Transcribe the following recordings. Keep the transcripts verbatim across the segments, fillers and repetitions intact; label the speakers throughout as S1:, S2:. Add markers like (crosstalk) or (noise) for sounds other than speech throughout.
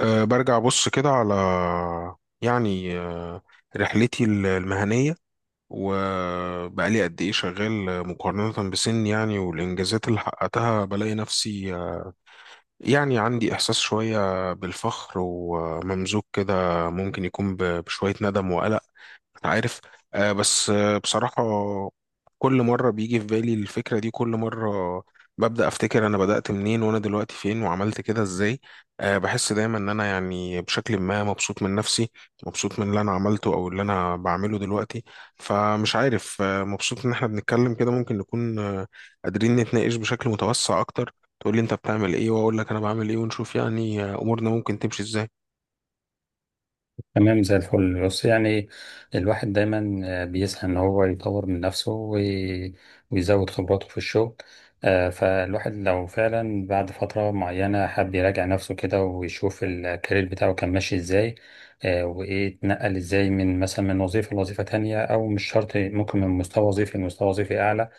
S1: أه برجع أبص كده على يعني أه رحلتي المهنية، وبقى لي قد إيه شغال مقارنة بسن يعني والإنجازات اللي حققتها بلاقي نفسي آه، يعني عندي إحساس شوية بالفخر وممزوج كده، ممكن يكون ب- بشوية ندم وقلق. انت عارف آه بس آه بصراحة، كل مرة بيجي في بالي الفكرة دي، كل مرة ببدأ أفتكر أنا بدأت منين وأنا دلوقتي فين وعملت كده إزاي. آه بحس دايما إن أنا يعني بشكل ما مبسوط من نفسي، مبسوط من اللي أنا عملته أو اللي أنا بعمله دلوقتي. فمش عارف، آه مبسوط إن إحنا بنتكلم كده، ممكن نكون آه قادرين نتناقش بشكل متوسع أكتر، تقول لي أنت بتعمل إيه وأقول لك أنا بعمل إيه ونشوف يعني آه أمورنا ممكن تمشي إزاي.
S2: تمام، زي الفل. بص، يعني الواحد دايما آه، بيسعى ان هو يطور من نفسه وي- ويزود خبراته في الشغل. آه، فالواحد لو فعلا بعد فترة معينة حب يراجع نفسه كده ويشوف الكارير بتاعه كان ماشي ازاي. آه، وايه اتنقل ازاي من مثلا من وظيفة لوظيفة تانية، او مش شرط، ممكن من مستوى وظيفي لمستوى وظيفي اعلى،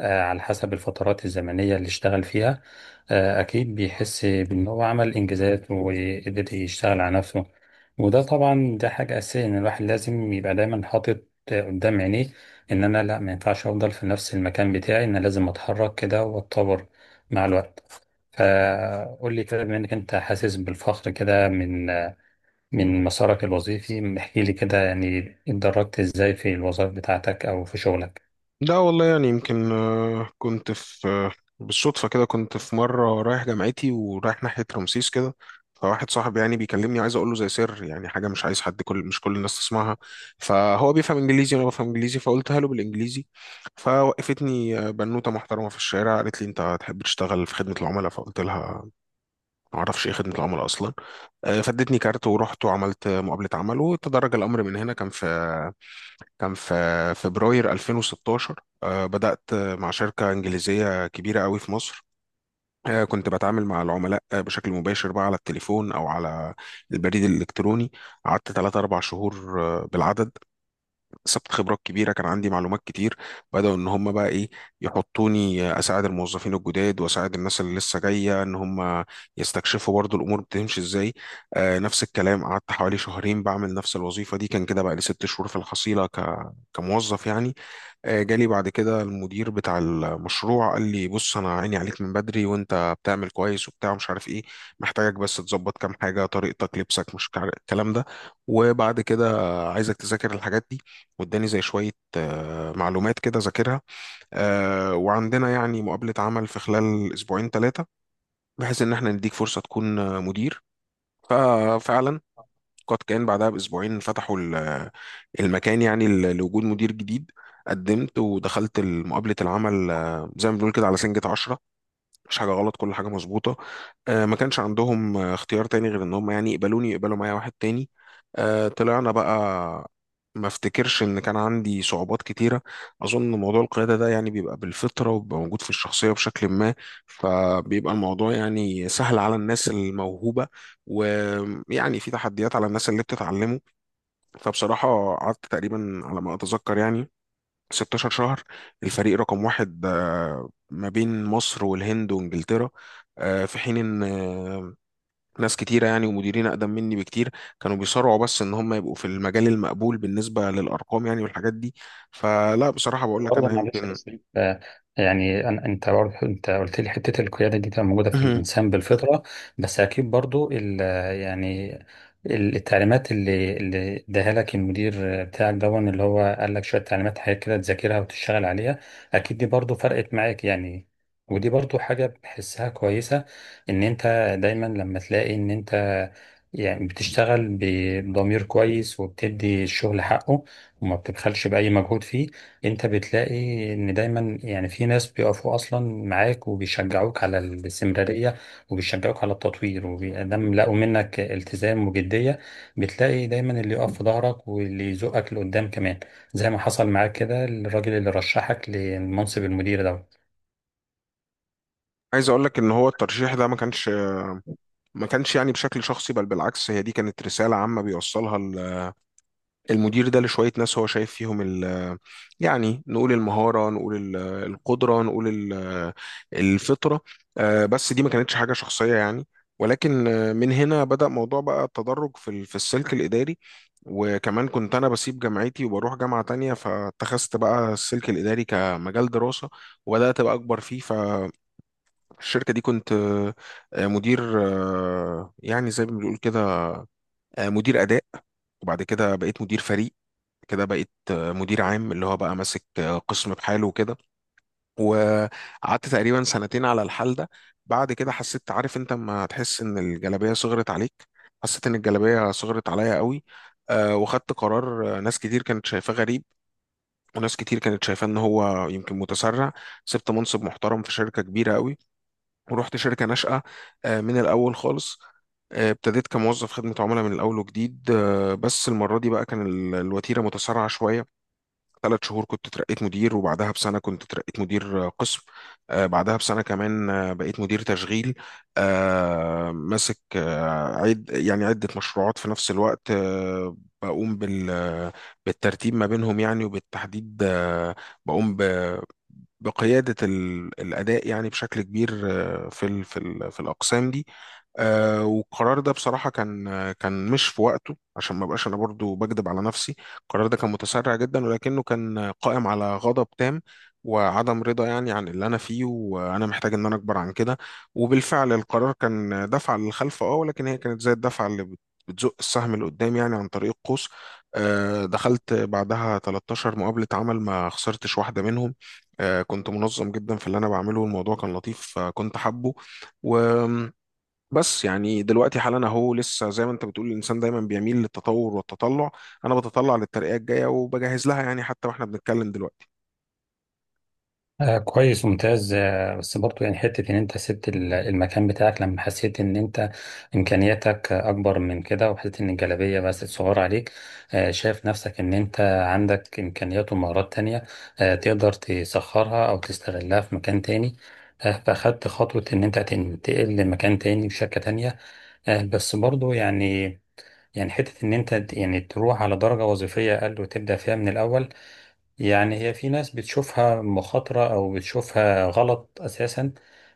S2: آه، على حسب الفترات الزمنية اللي اشتغل فيها. آه، أكيد بيحس بإن هو عمل إنجازات وقدر يشتغل على نفسه. وده طبعا، ده حاجة أساسية، إن الواحد لازم يبقى دايما حاطط آه، قدام عينيه إن أنا لأ، ما ينفعش أفضل في نفس المكان بتاعي، إن أنا لازم أتحرك كده وأتطور مع الوقت. فقول لي كده، بما إنك أنت حاسس بالفخر كده من آه، من مسارك الوظيفي، احكي لي كده يعني اتدرجت إزاي في الوظائف بتاعتك أو في شغلك.
S1: لا والله، يعني يمكن آه، كنت في آه، بالصدفة كده كنت في مرة رايح جامعتي ورايح ناحية رمسيس كده، فواحد صاحبي يعني بيكلمني عايز اقول له زي سر، يعني حاجة مش عايز حد كل مش كل الناس تسمعها. فهو بيفهم انجليزي وانا بفهم انجليزي فقلتها له بالانجليزي. فوقفتني آه، بنوتة محترمة في الشارع قالت لي انت تحب تشتغل في خدمة العملاء؟ فقلت لها ما اعرفش ايه خدمة العملاء اصلا. آه، فادتني كارت ورحت وعملت مقابلة عمل وتدرج الامر من هنا. كان في كان في فبراير ألفين وستاشر آه، بدأت آه، مع شركة إنجليزية كبيرة قوي في مصر. آه، كنت بتعامل مع العملاء آه، بشكل مباشر بقى على التليفون أو على البريد الإلكتروني. قعدت ثلاثة اربع شهور آه، بالعدد. اكتسبت خبرات كبيره، كان عندي معلومات كتير. بداوا ان هم بقى ايه، يحطوني اساعد الموظفين الجداد واساعد الناس اللي لسه جايه ان هم يستكشفوا برضو الامور بتمشي ازاي. آه نفس الكلام، قعدت حوالي شهرين بعمل نفس الوظيفه دي. كان كده بقى لي ست شهور في الحصيله ك... كموظف يعني. آه، جالي بعد كده المدير بتاع المشروع قال لي بص، انا عيني عليك من بدري وانت بتعمل كويس وبتاع مش عارف ايه، محتاجك بس تظبط كام حاجه، طريقتك، لبسك، مش كع- الكلام ده. وبعد كده عايزك تذاكر الحاجات دي. واداني زي شويه آه، معلومات كده ذاكرها. آه، وعندنا يعني مقابله عمل في خلال اسبوعين ثلاثه، بحيث ان احنا نديك فرصه تكون آه، مدير. ففعلا قد كان، بعدها بأسبوعين فتحوا ال- المكان يعني ل- لوجود مدير جديد. قدمت ودخلت مقابلة العمل آه، زي ما بنقول كده على سنجة عشرة، مش حاجه غلط، كل حاجه مظبوطه. آه، ما كانش عندهم آه، اختيار تاني غير ان هم يعني يقبلوني، يقبلوا معايا واحد تاني. آه، طلعنا بقى. ما افتكرش ان كان عندي صعوبات كتيره. اظن موضوع القياده ده يعني بيبقى بالفطره وبيبقى موجود في الشخصيه بشكل ما، فبيبقى الموضوع يعني سهل على الناس الموهوبه، ويعني في تحديات على الناس اللي بتتعلمه. فبصراحه قعدت تقريبا على ما اتذكر يعني ستاشر شهر الفريق رقم واحد آه، ما بين مصر والهند وانجلترا آه، في حين ان آه، ناس كتيره يعني ومديرين اقدم مني بكتير كانوا بيصارعوا بس ان هم يبقوا في المجال المقبول بالنسبه للارقام يعني والحاجات دي. فلا بصراحه بقول لك
S2: برضه
S1: انا
S2: معلش يا
S1: يمكن
S2: ياسين، آه، يعني أن- انت برضه انت قلت لي حته القياده دي تبقى موجوده في
S1: مهم.
S2: الانسان بالفطره، بس اكيد برضه ال- يعني ال- التعليمات اللي اللي اداها لك المدير بتاعك، دون اللي هو قال لك شويه تعليمات حاجات كده تذاكرها وتشتغل عليها، اكيد دي برضه فرقت معاك يعني. ودي برضه حاجه بحسها كويسه، ان انت دايما لما تلاقي ان انت يعني بتشتغل بضمير كويس وبتدي الشغل حقه وما بتبخلش باي مجهود فيه، انت بتلاقي ان دايما يعني في ناس بيقفوا اصلا معاك وبيشجعوك على الاستمرارية وبيشجعوك على التطوير، ودام لقوا منك التزام وجدية بتلاقي دايما اللي يقف في ظهرك واللي يزقك لقدام كمان، زي ما حصل معاك كده الراجل اللي رشحك لمنصب المدير ده.
S1: (clears throat) عايز اقول لك ان هو الترشيح ده ما كانش، ما كانش يعني بشكل شخصي، بل بالعكس هي دي كانت رساله عامه بيوصلها المدير ده لشوية ناس هو شايف فيهم ال، يعني نقول المهارة، نقول ال- القدرة، نقول ال- الفطرة. آه، بس دي ما كانتش حاجة شخصية يعني. ولكن آه، من هنا بدأ موضوع بقى التدرج في ال- في السلك الإداري. وكمان كنت أنا بسيب جامعتي وبروح جامعة تانية، فاتخذت بقى السلك الإداري كمجال دراسة وبدأت بقى أكبر فيه. فالشركة دي كنت آه، مدير آه، يعني زي ما بنقول كده آه، مدير أداء. وبعد كده بقيت مدير فريق، كده بقيت آه، مدير عام، اللي هو بقى ماسك آه، قسم بحاله وكده. وقعدت تقريبا سنتين على الحال ده. بعد كده حسيت، عارف انت لما تحس ان الجلابية صغرت عليك؟ حسيت ان الجلابية صغرت عليا قوي. آه، وخدت قرار. آه، ناس كتير كانت شايفاه غريب، وناس كتير كانت شايفاه ان هو يمكن متسرع. سبت منصب محترم في شركة كبيرة قوي ورحت شركة ناشئة. آه، من الاول خالص. آه، ابتديت كموظف خدمة عملاء من الأول وجديد. آه، بس المرة دي بقى كان ال- الوتيرة متسارعة شوية. ثلاث شهور كنت اترقيت مدير، وبعدها بسنة كنت اترقيت مدير آه، قسم. آه، بعدها بسنة كمان آه، بقيت مدير تشغيل آه، ماسك آه، عد يعني عدة مشروعات في نفس الوقت. آه، بقوم بال بالترتيب ما بينهم يعني، وبالتحديد آه، بقوم ب- بقيادة ال- الأداء يعني بشكل كبير آه، في ال في ال في الأقسام دي. آه، والقرار ده بصراحة كان آه، كان مش في وقته، عشان ما بقاش أنا برضو بكذب على نفسي. القرار ده كان متسرع جدا ولكنه كان قائم على غضب تام وعدم رضا يعني عن اللي انا فيه، وانا محتاج ان انا اكبر عن كده. وبالفعل القرار كان دفعة للخلف، اه، ولكن هي كانت زي الدفعة اللي بت- بتزق السهم لقدام يعني عن طريق القوس. آه، دخلت بعدها تلتاشر مقابلة عمل ما خسرتش واحدة منهم. آه، كنت منظم جدا في اللي انا بعمله والموضوع كان لطيف. آه، كنت حابه و... بس يعني دلوقتي حالا اهو لسه زي ما انت بتقول، الانسان دايما بيميل للتطور والتطلع. انا بتطلع للترقية الجاية وبجهز لها يعني، حتى واحنا بنتكلم دلوقتي.
S2: آه كويس، ممتاز. آه، بس برضو يعني حتة إن أنت سبت ال- المكان بتاعك لما حسيت إن أنت إمكانياتك آه، أكبر من كده، وحسيت إن الجلابية بس صغيرة عليك، آه شايف نفسك إن أنت عندك إمكانيات ومهارات تانية آه تقدر تسخرها أو تستغلها في مكان تاني، آه فأخدت خطوة إن أنت تنتقل لمكان تاني بشركة تانية. آه، بس برضو يعني، يعني حتة إن أنت يعني تروح على درجة وظيفية أقل وتبدأ فيها من الأول، يعني هي في ناس بتشوفها مخاطرة أو بتشوفها غلط أساسا،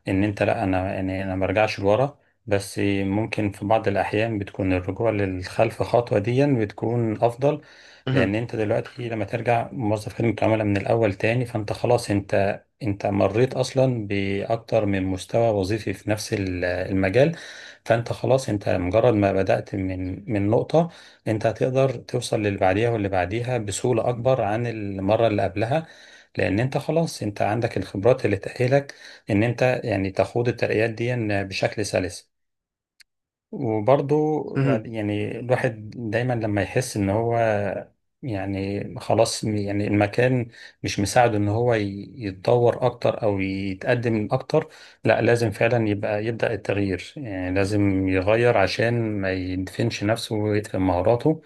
S2: إن أنت لأ، أنا يعني أنا مرجعش لورا. بس ممكن في بعض الأحيان بتكون الرجوع للخلف خطوة ديا بتكون أفضل.
S1: مهم.
S2: لأن أنت دلوقتي لما ترجع موظف خدمة عملاء من الأول تاني، فأنت خلاص، أنت أنت مريت أصلا بأكتر من مستوى وظيفي في نفس ال- المجال. فأنت خلاص، أنت مجرد ما بدأت من من نقطة انت هتقدر توصل للي بعديها واللي بعديها بسهولة اكبر عن المرة اللي قبلها، لان انت خلاص انت عندك الخبرات اللي تأهلك ان انت يعني تخوض الترقيات دي بشكل سلس. وبرضه
S1: مهم.
S2: يعني الواحد دايما لما يحس ان هو يعني خلاص، م- يعني المكان مش مساعده ان هو ي- يتطور اكتر او يتقدم اكتر، لا لازم فعلا يبقى يبدأ التغيير، يعني لازم يغير عشان ما يدفنش نفسه ويدفن مهاراته.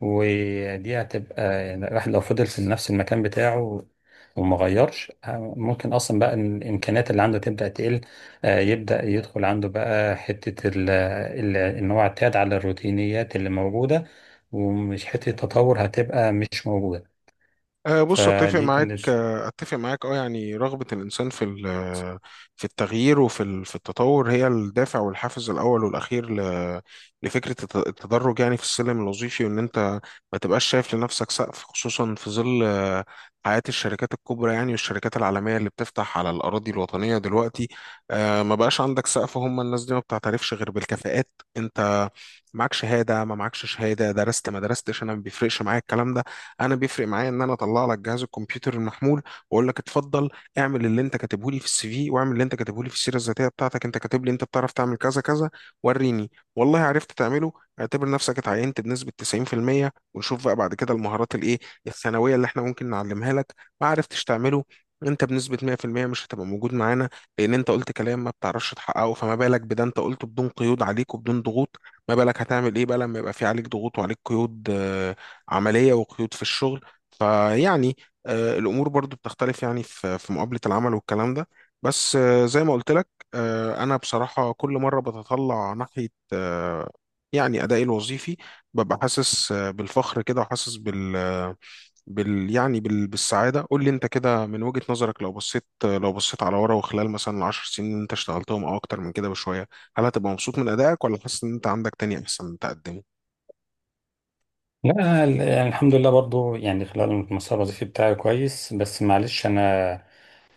S2: ودي هتبقى يعني الواحد لو فضل في نفس المكان بتاعه وما غيرش، آه، ممكن اصلا بقى الامكانيات اللي عنده تبدأ تقل، آه، يبدأ يدخل عنده بقى حتة ال ال إن هو اعتاد على الروتينيات اللي موجودة، ومش حتة تطور هتبقى مش موجودة.
S1: أه بص، اتفق
S2: فدي كانت.
S1: معاك آه، اتفق معاك، اه يعني رغبة الانسان في ال- في التغيير وفي ال- في التطور هي الدافع والحافز الاول والاخير ل- لفكرة الت- التدرج يعني في السلم الوظيفي، وان انت ما تبقاش شايف لنفسك سقف، خصوصا في ظل آه، حياة الشركات الكبرى يعني والشركات العالمية اللي بتفتح على الأراضي الوطنية دلوقتي. أه ما بقاش عندك سقف، هم الناس دي ما بتعترفش غير بالكفاءات. انت معاك شهادة، ما معكش شهادة، درست، ما درستش، أنا ما بيفرقش معايا الكلام ده. انا بيفرق معايا ان انا اطلع لك جهاز الكمبيوتر المحمول واقول لك اتفضل، اعمل اللي انت كاتبه لي في السي في، واعمل اللي انت كاتبه لي في السيره الذاتيه بتاعتك. انت كاتب لي انت بتعرف تعمل كذا كذا، وريني. والله عرفت تعمله، اعتبر نفسك اتعينت بنسبه تسعين في المية ونشوف بقى بعد كده المهارات الايه الثانويه اللي احنا ممكن نعلمها لك. ما عرفتش تعمله، انت بنسبة مئة في المئة مش هتبقى موجود معانا. لان انت قلت كلام ما بتعرفش تحققه، فما بالك بده انت قلته بدون قيود عليك وبدون ضغوط. ما بالك هتعمل ايه بقى لما يبقى في عليك ضغوط وعليك قيود آه، عملية، وقيود في الشغل. فيعني آه، الأمور برضو بتختلف يعني في في مقابلة العمل والكلام ده. بس آه، زي ما قلت لك آه، أنا بصراحة كل مرة بتطلع ناحية آه، يعني أدائي الوظيفي ببقى حاسس آه، بالفخر كده، وحاسس بال آه، بال يعني بال... بالسعادة. قول لي انت كده من وجهة نظرك، لو بصيت آه، لو بصيت على ورا وخلال مثلا العشر سنين اللي انت اشتغلتهم او اكتر من كده بشوية، هل هتبقى مبسوط من ادائك، ولا حاسس ان انت عندك تاني احسن تقدمه؟
S2: لا ال- يعني الحمد لله، برضو يعني خلال المسار الوظيفي بتاعي كويس، بس معلش أنا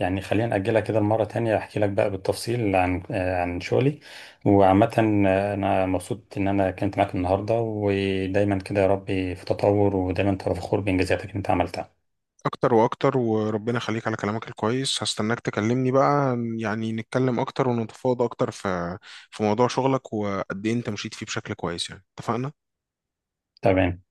S2: يعني خلينا نأجلها كده مرة تانية أحكي لك بقى بالتفصيل عن آه، عن شغلي. وعامة آه، أنا مبسوط إن أنا كنت معاك النهاردة، ودايما كده يا ربي في تطور ودايما تبقى فخور بإنجازاتك اللي أنت عملتها.
S1: اكتر واكتر، وربنا يخليك على كلامك الكويس. هستناك تكلمني بقى يعني، نتكلم اكتر ونتفاوض اكتر في في موضوع شغلك وقد ايه انت مشيت فيه بشكل كويس يعني، اتفقنا.
S2: تمام.